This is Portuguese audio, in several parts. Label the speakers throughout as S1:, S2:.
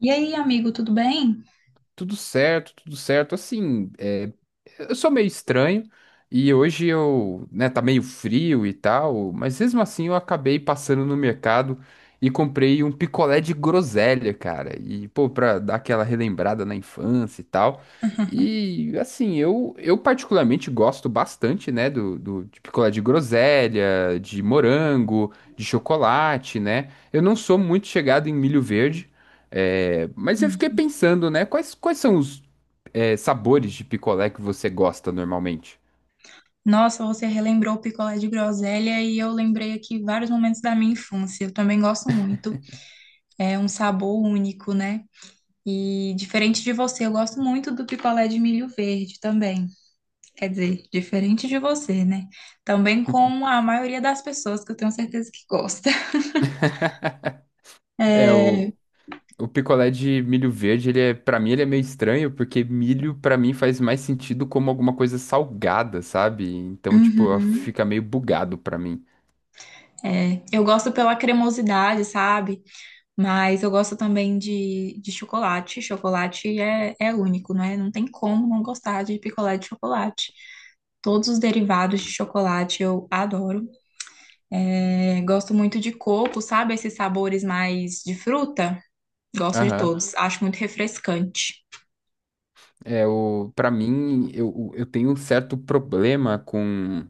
S1: E aí, amigo, tudo bem?
S2: Tudo certo, tudo certo. Assim, eu sou meio estranho e hoje eu, né, tá meio frio e tal, mas mesmo assim eu acabei passando no mercado e comprei um picolé de groselha, cara. E, pô, pra dar aquela relembrada na infância e tal. E, assim, eu particularmente gosto bastante, né, do de picolé de groselha, de morango, de chocolate, né? Eu não sou muito chegado em milho verde. É, mas eu fiquei
S1: Hum.
S2: pensando, né? Quais são os sabores de picolé que você gosta normalmente?
S1: Nossa, você relembrou o picolé de groselha e eu lembrei aqui vários momentos da minha infância. Eu também gosto muito. É um sabor único, né? E diferente de você, eu gosto muito do picolé de milho verde também. Quer dizer, diferente de você, né? Também com a maioria das pessoas que eu tenho certeza que gosta.
S2: É, o picolé de milho verde, ele é, para mim, ele é meio estranho, porque milho, pra mim, faz mais sentido como alguma coisa salgada, sabe? Então, tipo,
S1: Uhum.
S2: fica meio bugado pra mim.
S1: É, eu gosto pela cremosidade, sabe? Mas eu gosto também de chocolate. Chocolate é único, né? Não tem como não gostar de picolé de chocolate. Todos os derivados de chocolate eu adoro. É, gosto muito de coco, sabe? Esses sabores mais de fruta. Gosto de
S2: Aham.
S1: todos. Acho muito refrescante.
S2: É, o, para mim, eu tenho um certo problema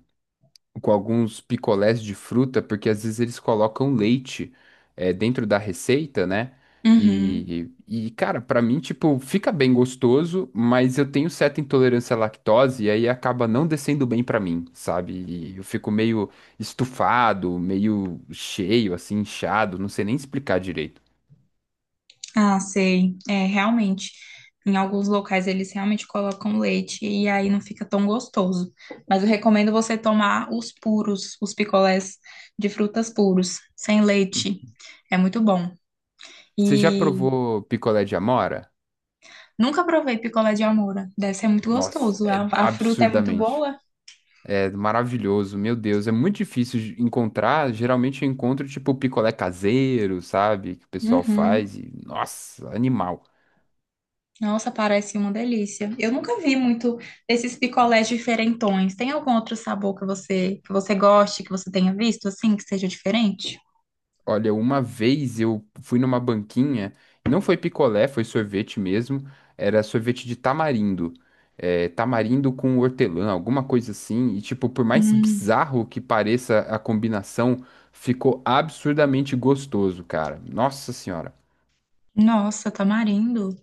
S2: com alguns picolés de fruta, porque às vezes eles colocam leite dentro da receita, né?
S1: Uhum.
S2: E cara, pra mim, tipo, fica bem gostoso, mas eu tenho certa intolerância à lactose e aí acaba não descendo bem pra mim, sabe? E eu fico meio estufado, meio cheio, assim, inchado, não sei nem explicar direito.
S1: Ah, sei. É, realmente. Em alguns locais eles realmente colocam leite e aí não fica tão gostoso. Mas eu recomendo você tomar os puros, os picolés de frutas puros, sem leite. É muito bom.
S2: Você já
S1: E
S2: provou picolé de amora?
S1: nunca provei picolé de amora. Deve ser muito
S2: Nossa,
S1: gostoso.
S2: é
S1: A fruta é muito
S2: absurdamente.
S1: boa.
S2: É maravilhoso, meu Deus, é muito difícil de encontrar. Geralmente eu encontro tipo picolé caseiro, sabe? Que o pessoal
S1: Uhum.
S2: faz e nossa, animal.
S1: Nossa, parece uma delícia. Eu nunca vi muito desses picolés diferentões. Tem algum outro sabor que você goste, que você tenha visto assim, que seja diferente?
S2: Olha, uma vez eu fui numa banquinha, não foi picolé, foi sorvete mesmo. Era sorvete de tamarindo, tamarindo com hortelã, alguma coisa assim. E tipo, por mais
S1: Hum.
S2: bizarro que pareça a combinação, ficou absurdamente gostoso, cara. Nossa senhora.
S1: Nossa, tamarindo.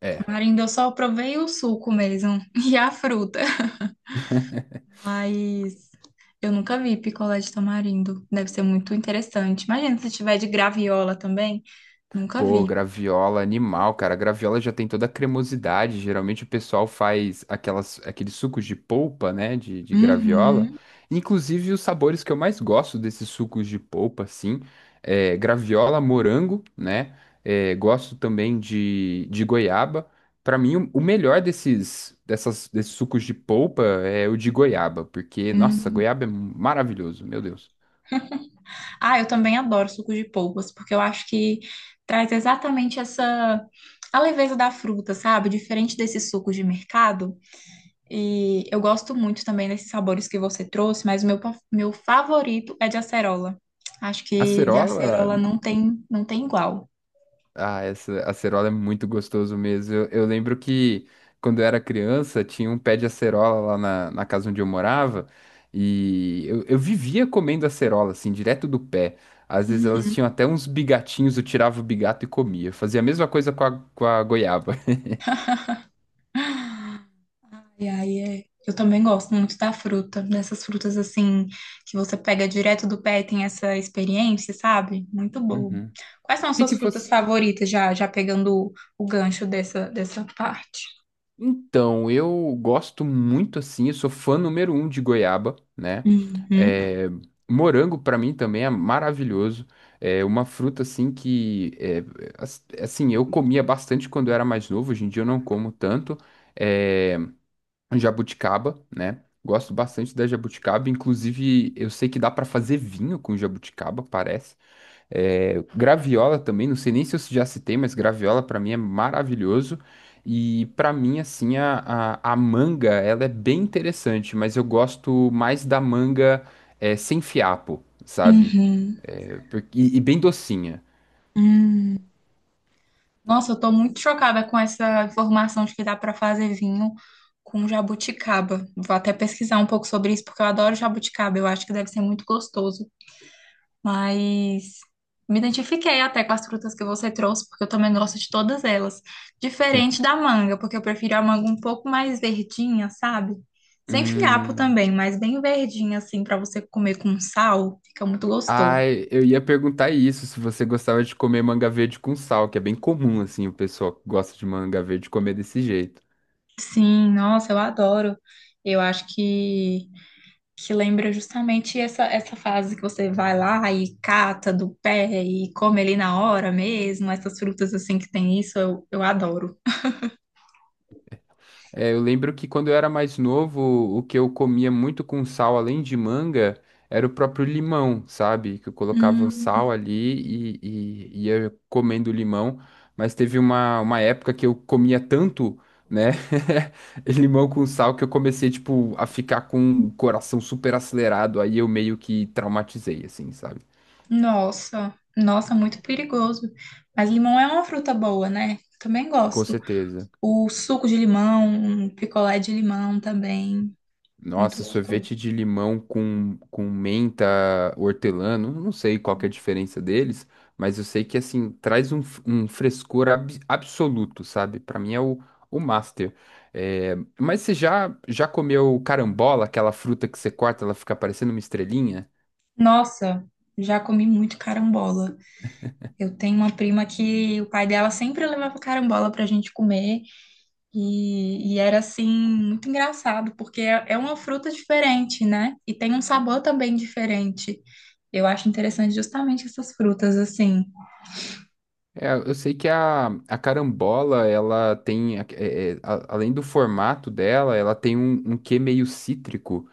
S2: É.
S1: Tamarindo eu só provei o suco mesmo e a fruta. Mas eu nunca vi picolé de tamarindo. Deve ser muito interessante. Imagina se tiver de graviola também. Nunca
S2: Pô,
S1: vi.
S2: graviola animal, cara. A graviola já tem toda a cremosidade. Geralmente o pessoal faz aqueles sucos de polpa, né? De graviola.
S1: Uhum,
S2: Inclusive, os sabores que eu mais gosto desses sucos de polpa, assim, é graviola, morango, né? Gosto também de goiaba. Pra mim, o melhor desses sucos de polpa é o de goiaba, porque, nossa,
S1: uhum.
S2: goiaba é maravilhoso, meu Deus.
S1: Ah, eu também adoro suco de polpas, porque eu acho que traz exatamente essa a leveza da fruta, sabe? Diferente desse suco de mercado. E eu gosto muito também desses sabores que você trouxe, mas o meu, meu favorito é de acerola. Acho que de
S2: Acerola,
S1: acerola não tem igual.
S2: ah, essa acerola é muito gostoso mesmo. Eu lembro que quando eu era criança tinha um pé de acerola na casa onde eu morava e eu vivia comendo acerola, assim, direto do pé. Às vezes elas tinham
S1: Uhum.
S2: até uns bigatinhos, eu tirava o bigato e comia. Eu fazia a mesma coisa com com a goiaba.
S1: Ai, ai, é. Eu também gosto muito da fruta, dessas frutas assim, que você pega direto do pé e tem essa experiência, sabe? Muito
S2: Uhum.
S1: bom.
S2: O uhum.
S1: Quais são as
S2: que que
S1: suas frutas
S2: você,
S1: favoritas, já pegando o gancho dessa parte?
S2: Então, eu gosto muito assim, eu sou fã número um de goiaba, né?
S1: Uhum.
S2: É, morango pra mim também é maravilhoso. É uma fruta assim que assim, eu comia bastante quando eu era mais novo, hoje em dia eu não como tanto. É, jabuticaba, né? Gosto bastante da jabuticaba, inclusive eu sei que dá pra fazer vinho com jabuticaba, parece. É, graviola também, não sei nem se eu já citei, mas graviola pra mim é maravilhoso. E pra mim, assim, a manga, ela é bem interessante, mas eu gosto mais da manga sem fiapo, sabe?
S1: Uhum.
S2: E bem docinha.
S1: Hum. Nossa, eu tô muito chocada com essa informação de que dá para fazer vinho com jabuticaba. Vou até pesquisar um pouco sobre isso, porque eu adoro jabuticaba. Eu acho que deve ser muito gostoso. Mas me identifiquei até com as frutas que você trouxe, porque eu também gosto de todas elas. Diferente da manga, porque eu prefiro a manga um pouco mais verdinha, sabe? Sem fiapo
S2: Hum...
S1: também, mas bem verdinha, assim, para você comer com sal. Fica muito gostoso.
S2: Ai, eu ia perguntar isso, se você gostava de comer manga verde com sal, que é bem comum, assim, o pessoal que gosta de manga verde comer desse jeito.
S1: Sim, nossa, eu adoro. Eu acho que. Que lembra justamente essa fase que você vai lá e cata do pé e come ali na hora mesmo, essas frutas assim que tem isso, eu adoro.
S2: É, eu lembro que quando eu era mais novo, o que eu comia muito com sal, além de manga, era o próprio limão, sabe? Que eu colocava o
S1: Hum,
S2: sal ali e ia comendo limão. Mas teve uma época que eu comia tanto, né? Limão com sal que eu comecei, tipo, a ficar com o coração super acelerado. Aí eu meio que traumatizei, assim, sabe?
S1: nossa, muito perigoso. Mas limão é uma fruta boa, né? Também
S2: Com
S1: gosto.
S2: certeza.
S1: O suco de limão, um picolé de limão também, muito
S2: Nossa, sorvete
S1: gostoso.
S2: de limão com menta, hortelã, não sei qual que é a diferença deles, mas eu sei que, assim, traz um, um absoluto, sabe? Pra mim é o master. É, mas você já comeu carambola, aquela fruta que você corta, ela fica parecendo uma estrelinha?
S1: Nossa, já comi muito carambola. Eu tenho uma prima que o pai dela sempre levava carambola pra gente comer. E era assim, muito engraçado, porque é uma fruta diferente, né? E tem um sabor também diferente. Eu acho interessante justamente essas frutas, assim.
S2: É, eu sei que a carambola, ela tem, além do formato dela, ela tem um, um quê meio cítrico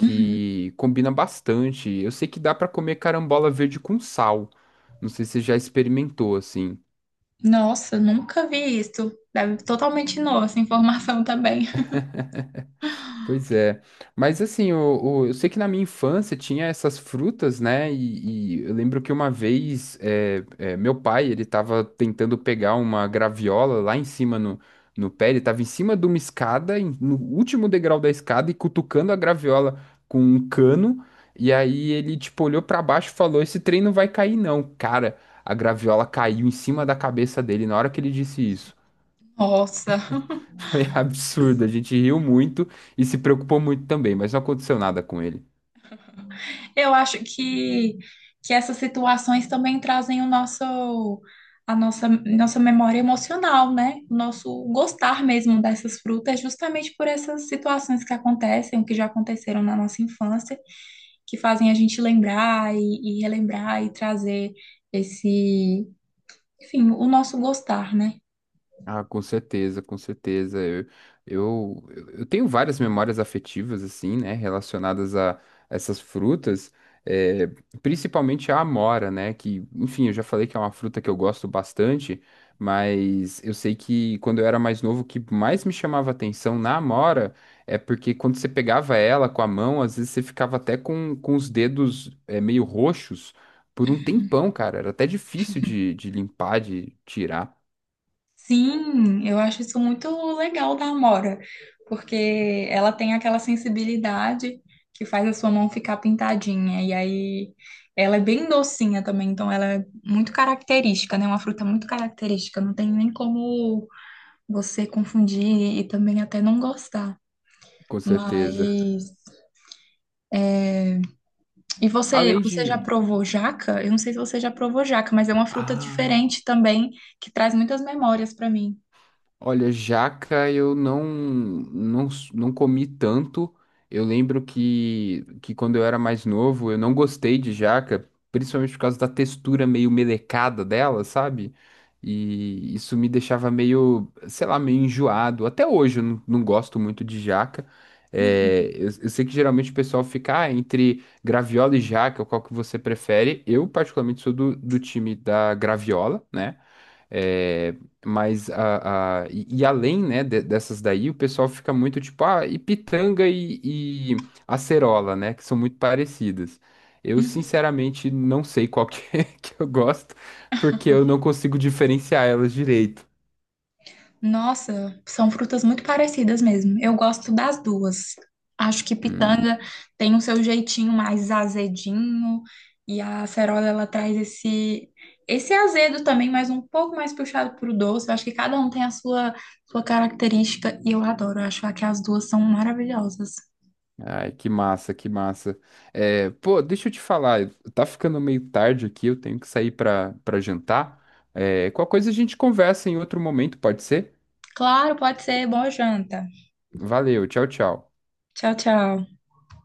S1: Uhum.
S2: combina bastante. Eu sei que dá pra comer carambola verde com sal. Não sei se você já experimentou assim.
S1: Nossa, nunca vi isso. Deve totalmente nova essa informação também.
S2: Pois é. Mas assim, eu sei que na minha infância tinha essas frutas, né? E eu lembro que uma vez meu pai, ele tava tentando pegar uma graviola lá em cima no pé, ele tava em cima de uma escada, no último degrau da escada, e cutucando a graviola com um cano. E aí ele, tipo, olhou pra baixo e falou: Esse trem não vai cair, não. Cara, a graviola caiu em cima da cabeça dele na hora que ele disse isso.
S1: Nossa.
S2: Foi absurdo. A gente riu muito e se preocupou muito também, mas não aconteceu nada com ele.
S1: Eu acho que essas situações também trazem o nosso, a nossa memória emocional, né? O nosso gostar mesmo dessas frutas, justamente por essas situações que acontecem, que já aconteceram na nossa infância, que fazem a gente lembrar e relembrar e trazer esse, enfim, o nosso gostar, né?
S2: Ah, com certeza, com certeza. Eu tenho várias memórias afetivas, assim, né, relacionadas a essas frutas, eh, principalmente a amora, né, que, enfim, eu já falei que é uma fruta que eu gosto bastante, mas eu sei que quando eu era mais novo, o que mais me chamava atenção na amora é porque quando você pegava ela com a mão, às vezes você ficava até com os dedos, meio roxos por um tempão, cara. Era até difícil de limpar, de tirar,
S1: Sim, eu acho isso muito legal da Amora, porque ela tem aquela sensibilidade que faz a sua mão ficar pintadinha, e aí ela é bem docinha também, então ela é muito característica, né? Uma fruta muito característica, não tem nem como você confundir e também até não gostar.
S2: com certeza.
S1: Mas e você,
S2: Além
S1: você já
S2: de.
S1: provou jaca? Eu não sei se você já provou jaca, mas é uma fruta
S2: Ah.
S1: diferente também que traz muitas memórias para mim.
S2: Olha, jaca eu não comi tanto. Eu lembro que quando eu era mais novo, eu não gostei de jaca, principalmente por causa da textura meio melecada dela, sabe? E isso me deixava meio, sei lá, meio enjoado. Até hoje eu não gosto muito de jaca. É, eu sei que geralmente o pessoal fica "Ah, entre graviola e jaca, qual que você prefere?" Eu, particularmente, sou do time da graviola, né? É, mas e além, né, dessas daí, o pessoal fica muito tipo, ah, e pitanga e acerola, né, que são muito parecidas. Eu, sinceramente, não sei qual que, é que eu gosto, porque eu não consigo diferenciar elas direito.
S1: Nossa, são frutas muito parecidas mesmo. Eu gosto das duas. Acho que
S2: Hum,
S1: pitanga tem o seu jeitinho mais azedinho e a acerola ela traz esse azedo também, mas um pouco mais puxado pro doce. Eu acho que cada um tem a sua característica e eu adoro. Eu acho que as duas são maravilhosas.
S2: ai, que massa, que massa. É, pô, deixa eu te falar, tá ficando meio tarde aqui, eu tenho que sair pra jantar. É, qualquer coisa a gente conversa em outro momento, pode ser?
S1: Claro, pode ser. Boa janta.
S2: Valeu, tchau, tchau.
S1: Tchau, tchau.